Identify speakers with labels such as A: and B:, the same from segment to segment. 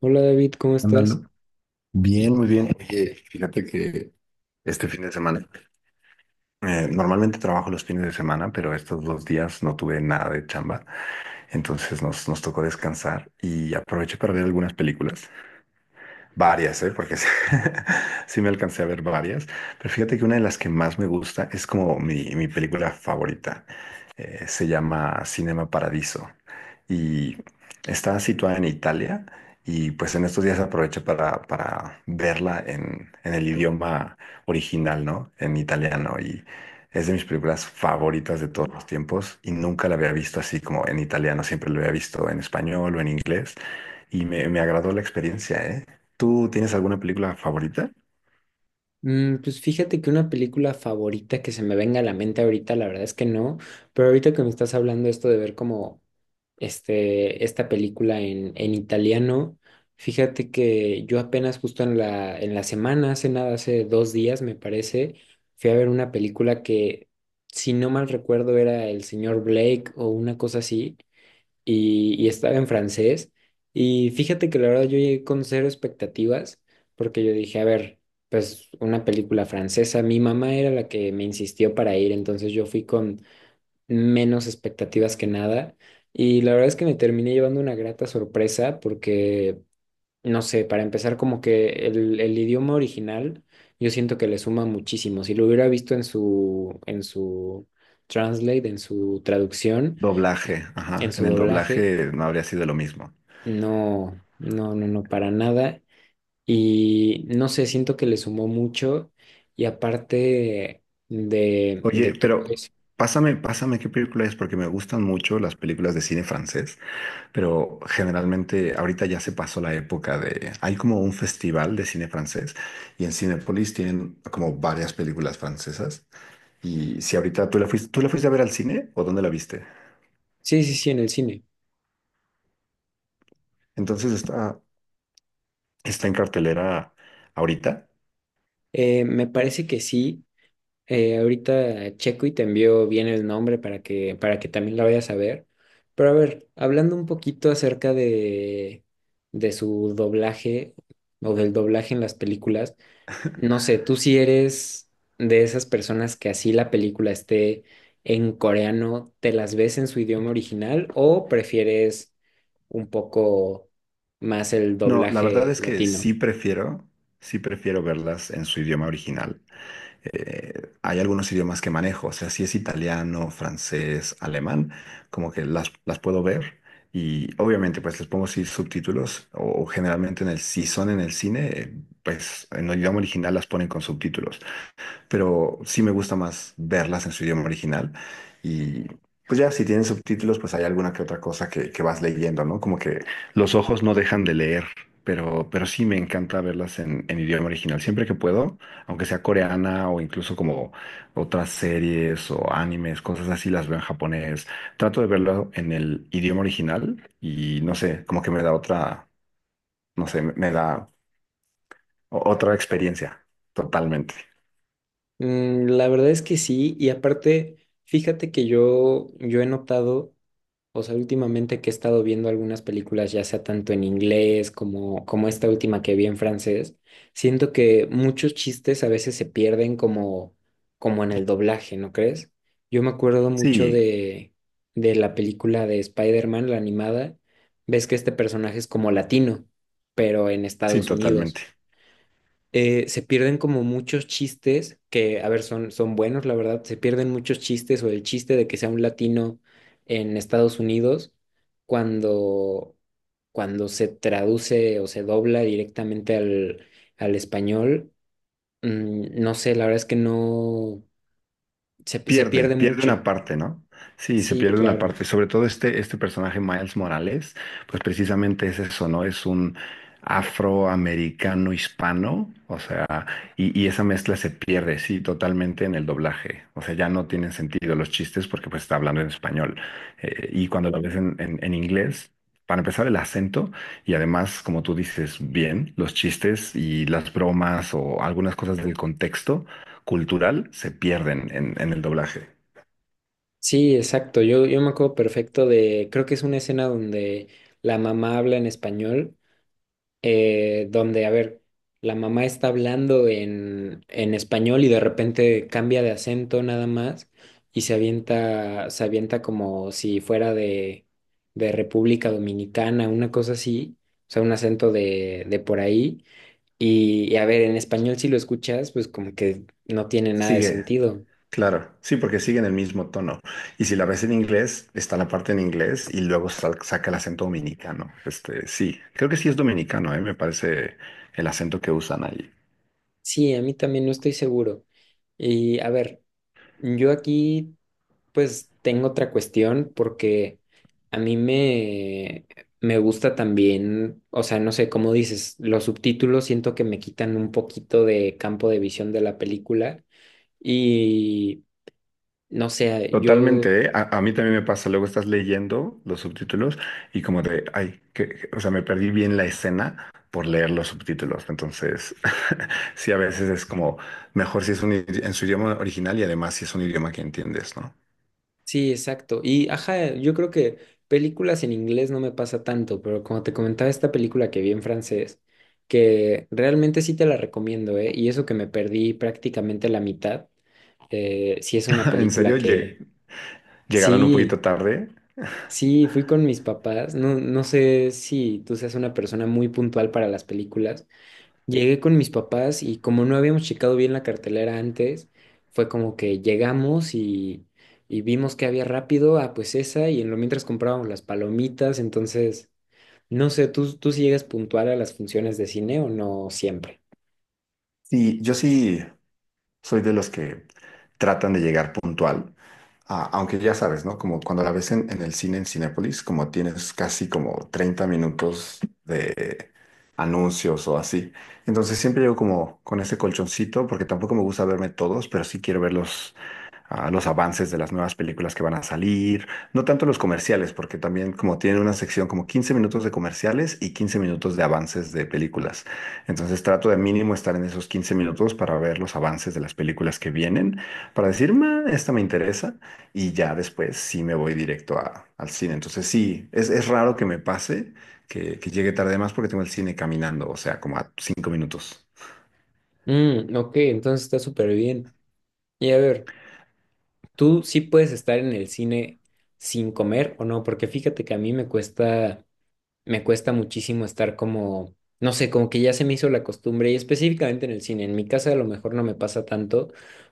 A: Hola David, ¿cómo estás?
B: Ándalo. Bien, muy bien. Oye, fíjate que este fin de semana, normalmente trabajo los fines de semana, pero estos dos días no tuve nada de chamba, entonces nos tocó descansar y aproveché para ver algunas películas. Varias, ¿eh? Porque sí, sí me alcancé a ver varias. Pero fíjate que una de las que más me gusta es como mi película favorita. Se llama Cinema Paradiso y está situada en Italia. Y pues en estos días aproveché para verla en el idioma original, ¿no? En italiano. Y es de mis películas favoritas de todos los tiempos. Y nunca la había visto así como en italiano. Siempre la había visto en español o en inglés. Y me agradó la experiencia, ¿eh? ¿Tú tienes alguna película favorita?
A: Mm, pues fíjate que una película favorita que se me venga a la mente ahorita, la verdad es que no, pero ahorita que me estás hablando esto de ver como esta película en italiano, fíjate que yo apenas justo en en la semana, hace nada, hace dos días me parece, fui a ver una película que, si no mal recuerdo, era El Señor Blake o una cosa así. Y estaba en francés. Y fíjate que la verdad yo llegué con cero expectativas porque yo dije, a ver, pues una película francesa, mi mamá era la que me insistió para ir, entonces yo fui con menos expectativas que nada. Y la verdad es que me terminé llevando una grata sorpresa porque, no sé, para empezar como que el idioma original yo siento que le suma muchísimo. Si lo hubiera visto en en su translate, en su traducción,
B: Doblaje,
A: en
B: ajá.
A: su
B: En el
A: doblaje.
B: doblaje no habría sido lo mismo.
A: No, no, no, no, para nada. Y no sé, siento que le sumó mucho y aparte de
B: Oye,
A: todo
B: pero
A: eso.
B: pásame qué película es, porque me gustan mucho las películas de cine francés, pero generalmente ahorita ya se pasó la época de… Hay como un festival de cine francés y en Cinépolis tienen como varias películas francesas. Y si ahorita ¿tú la fuiste a ver al cine o dónde la viste?
A: Sí, sí, sí, en el cine.
B: Entonces está en cartelera ahorita.
A: Me parece que sí. Ahorita checo y te envío bien el nombre para para que también la vayas a ver. Pero a ver, hablando un poquito acerca de su doblaje o del doblaje en las películas. No sé, tú si eres de esas personas que así la película esté en coreano, ¿te las ves en su idioma original o prefieres un poco más el
B: No, la verdad
A: doblaje
B: es que
A: latino?
B: sí prefiero verlas en su idioma original. Hay algunos idiomas que manejo, o sea, si es italiano, francés, alemán, como que las puedo ver y obviamente pues les pongo sí subtítulos o, generalmente en el, si son en el cine, pues en el idioma original las ponen con subtítulos, pero sí me gusta más verlas en su idioma original. Y pues ya, si tienen subtítulos, pues hay alguna que otra cosa que vas leyendo, ¿no? Como que los ojos no dejan de leer, pero, sí me encanta verlas en idioma original. Siempre que puedo, aunque sea coreana o incluso como otras series o animes, cosas así, las veo en japonés. Trato de verlo en el idioma original y no sé, como que me da otra, no sé, me da otra experiencia. Totalmente.
A: Mm, la verdad es que sí, y aparte, fíjate que yo he notado, o sea, últimamente que he estado viendo algunas películas, ya sea tanto en inglés como, como esta última que vi en francés, siento que muchos chistes a veces se pierden como, como en el doblaje, ¿no crees? Yo me acuerdo mucho
B: Sí,
A: de la película de Spider-Man, la animada, ves que este personaje es como latino, pero en
B: sí,
A: Estados Unidos
B: totalmente.
A: se pierden como muchos chistes que, a ver, son, son buenos, la verdad, se pierden muchos chistes o el chiste de que sea un latino en Estados Unidos cuando, cuando se traduce o se dobla directamente al, al español. Mm, no sé, la verdad es que no, se
B: Pierde,
A: pierde
B: pierde
A: mucho.
B: una parte, ¿no? Sí, se
A: Sí,
B: pierde una
A: claro.
B: parte. Sobre todo este personaje, Miles Morales, pues precisamente es eso, ¿no? Es un afroamericano hispano, o sea, y, esa mezcla se pierde, sí, totalmente en el doblaje. O sea, ya no tienen sentido los chistes porque pues está hablando en español. Y cuando lo ves en, en inglés, para empezar el acento y además, como tú dices, bien, los chistes y las bromas o algunas cosas del contexto cultural se pierden en el doblaje.
A: Sí, exacto. Yo me acuerdo perfecto de, creo que es una escena donde la mamá habla en español donde, a ver, la mamá está hablando en español y de repente cambia de acento nada más y se avienta como si fuera de República Dominicana, una cosa así, o sea, un acento de por ahí. Y a ver, en español si lo escuchas, pues como que no tiene nada de
B: Sigue,
A: sentido.
B: claro, sí, porque siguen el mismo tono. Y si la ves en inglés, está la parte en inglés y luego saca el acento dominicano. Este, sí, creo que sí es dominicano, ¿eh? Me parece el acento que usan ahí.
A: Sí, a mí también no estoy seguro. Y a ver, yo aquí pues tengo otra cuestión porque a me gusta también, o sea, no sé cómo dices, los subtítulos siento que me quitan un poquito de campo de visión de la película y no sé, yo
B: Totalmente, ¿eh? A mí también me pasa, luego estás leyendo los subtítulos y como de, ay, que, o sea, me perdí bien la escena por leer los subtítulos. Entonces, sí, a veces es como mejor si es un en su idioma original y además si es un idioma que entiendes, ¿no?
A: sí, exacto. Y ajá, yo creo que películas en inglés no me pasa tanto, pero como te comentaba esta película que vi en francés, que realmente sí te la recomiendo, ¿eh? Y eso que me perdí prácticamente la mitad, sí es una
B: En
A: película
B: serio,
A: que...
B: Llegaron un poquito
A: Sí,
B: tarde.
A: sí, fui con mis papás. No, no sé si tú seas una persona muy puntual para las películas. Llegué con mis papás y como no habíamos checado bien la cartelera antes, fue como que y vimos que había rápido, ah, pues esa, y en lo mientras comprábamos las palomitas. Entonces, no sé, tú si llegas puntual a las funciones de cine o no siempre?
B: Sí, yo sí soy de los que tratan de llegar puntual. Ah, aunque ya sabes, ¿no? Como cuando la ves en, el cine, en Cinépolis, como tienes casi como 30 minutos de anuncios o así. Entonces siempre llego como con ese colchoncito, porque tampoco me gusta verme todos, pero sí quiero verlos, a los avances de las nuevas películas que van a salir, no tanto los comerciales, porque también como tiene una sección como 15 minutos de comerciales y 15 minutos de avances de películas. Entonces trato de mínimo estar en esos 15 minutos para ver los avances de las películas que vienen, para decir, "Ma, esta me interesa", y ya después sí me voy directo al cine. Entonces sí, es raro que me pase que llegue tarde, más porque tengo el cine caminando, o sea, como a 5 minutos.
A: Mm, ok, entonces está súper bien. Y a ver, ¿tú sí puedes estar en el cine sin comer o no? Porque fíjate que a mí me cuesta muchísimo estar como, no sé, como que ya se me hizo la costumbre y específicamente en el cine. En mi casa a lo mejor no me pasa tanto,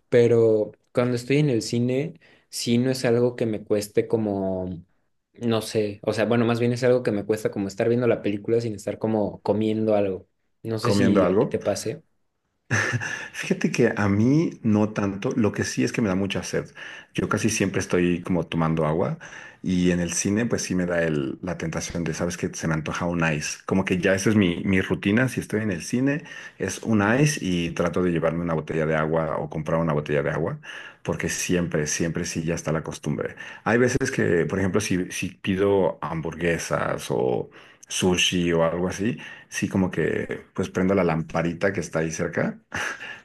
A: pero cuando estoy en el cine, sí no es algo que me cueste como, no sé, o sea, bueno, más bien es algo que me cuesta como estar viendo la película sin estar como comiendo algo. No sé
B: ¿Comiendo
A: si a ti te
B: algo?
A: pase.
B: Fíjate que a mí no tanto, lo que sí es que me da mucha sed. Yo casi siempre estoy como tomando agua y en el cine pues sí me da la tentación de, ¿sabes que Se me antoja un ice. Como que ya esa es mi rutina, si estoy en el cine es un ice, y trato de llevarme una botella de agua o comprar una botella de agua, porque siempre, siempre sí ya está la costumbre. Hay veces que, por ejemplo, si pido hamburguesas o sushi o algo así, sí como que pues prendo la lamparita que está ahí cerca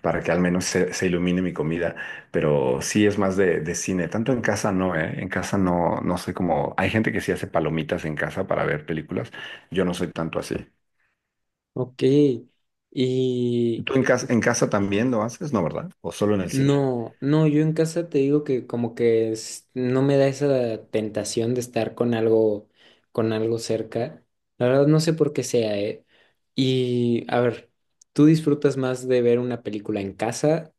B: para que al menos se ilumine mi comida, pero sí es más de cine, tanto en casa no, ¿eh? En casa no, no sé cómo. Hay gente que sí hace palomitas en casa para ver películas, yo no soy tanto así.
A: Ok. ¿Y
B: ¿Tú en casa, también lo haces? No, ¿verdad? ¿O solo en el cine?
A: no, no, yo en casa te digo que como que es- no me da esa tentación de estar con algo cerca. La verdad no sé por qué sea, ¿eh? Y a ver, ¿tú disfrutas más de ver una película en casa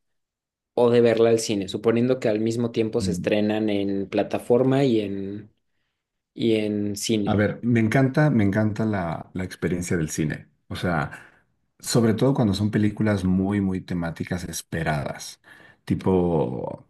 A: o de verla al cine? Suponiendo que al mismo tiempo se estrenan en plataforma y en
B: A
A: cine.
B: ver, me encanta la experiencia del cine. O sea, sobre todo cuando son películas muy, muy temáticas esperadas, tipo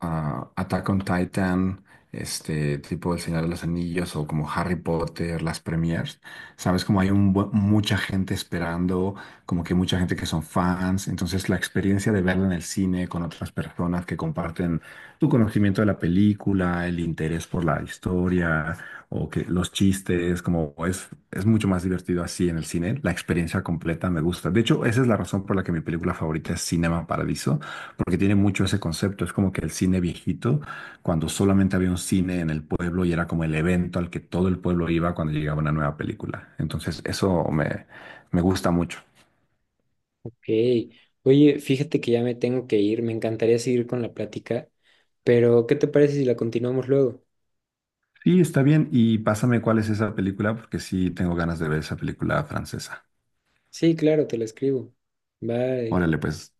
B: ah, Attack on Titan, este, tipo El Señor de los Anillos o como Harry Potter, las premiers. Sabes, como hay un mucha gente esperando, como que mucha gente que son fans. Entonces, la experiencia de verla en el cine con otras personas que comparten tu conocimiento de la película, el interés por la historia o que los chistes, como es mucho más divertido así en el cine, la experiencia completa me gusta. De hecho, esa es la razón por la que mi película favorita es Cinema Paradiso, porque tiene mucho ese concepto, es como que el cine viejito, cuando solamente había un cine en el pueblo y era como el evento al que todo el pueblo iba cuando llegaba una nueva película. Entonces, me gusta mucho.
A: Ok. Oye, fíjate que ya me tengo que ir, me encantaría seguir con la plática, pero ¿qué te parece si la continuamos luego?
B: Sí, está bien, y pásame cuál es esa película, porque sí tengo ganas de ver esa película francesa.
A: Sí, claro, te la escribo. Bye.
B: Órale, pues.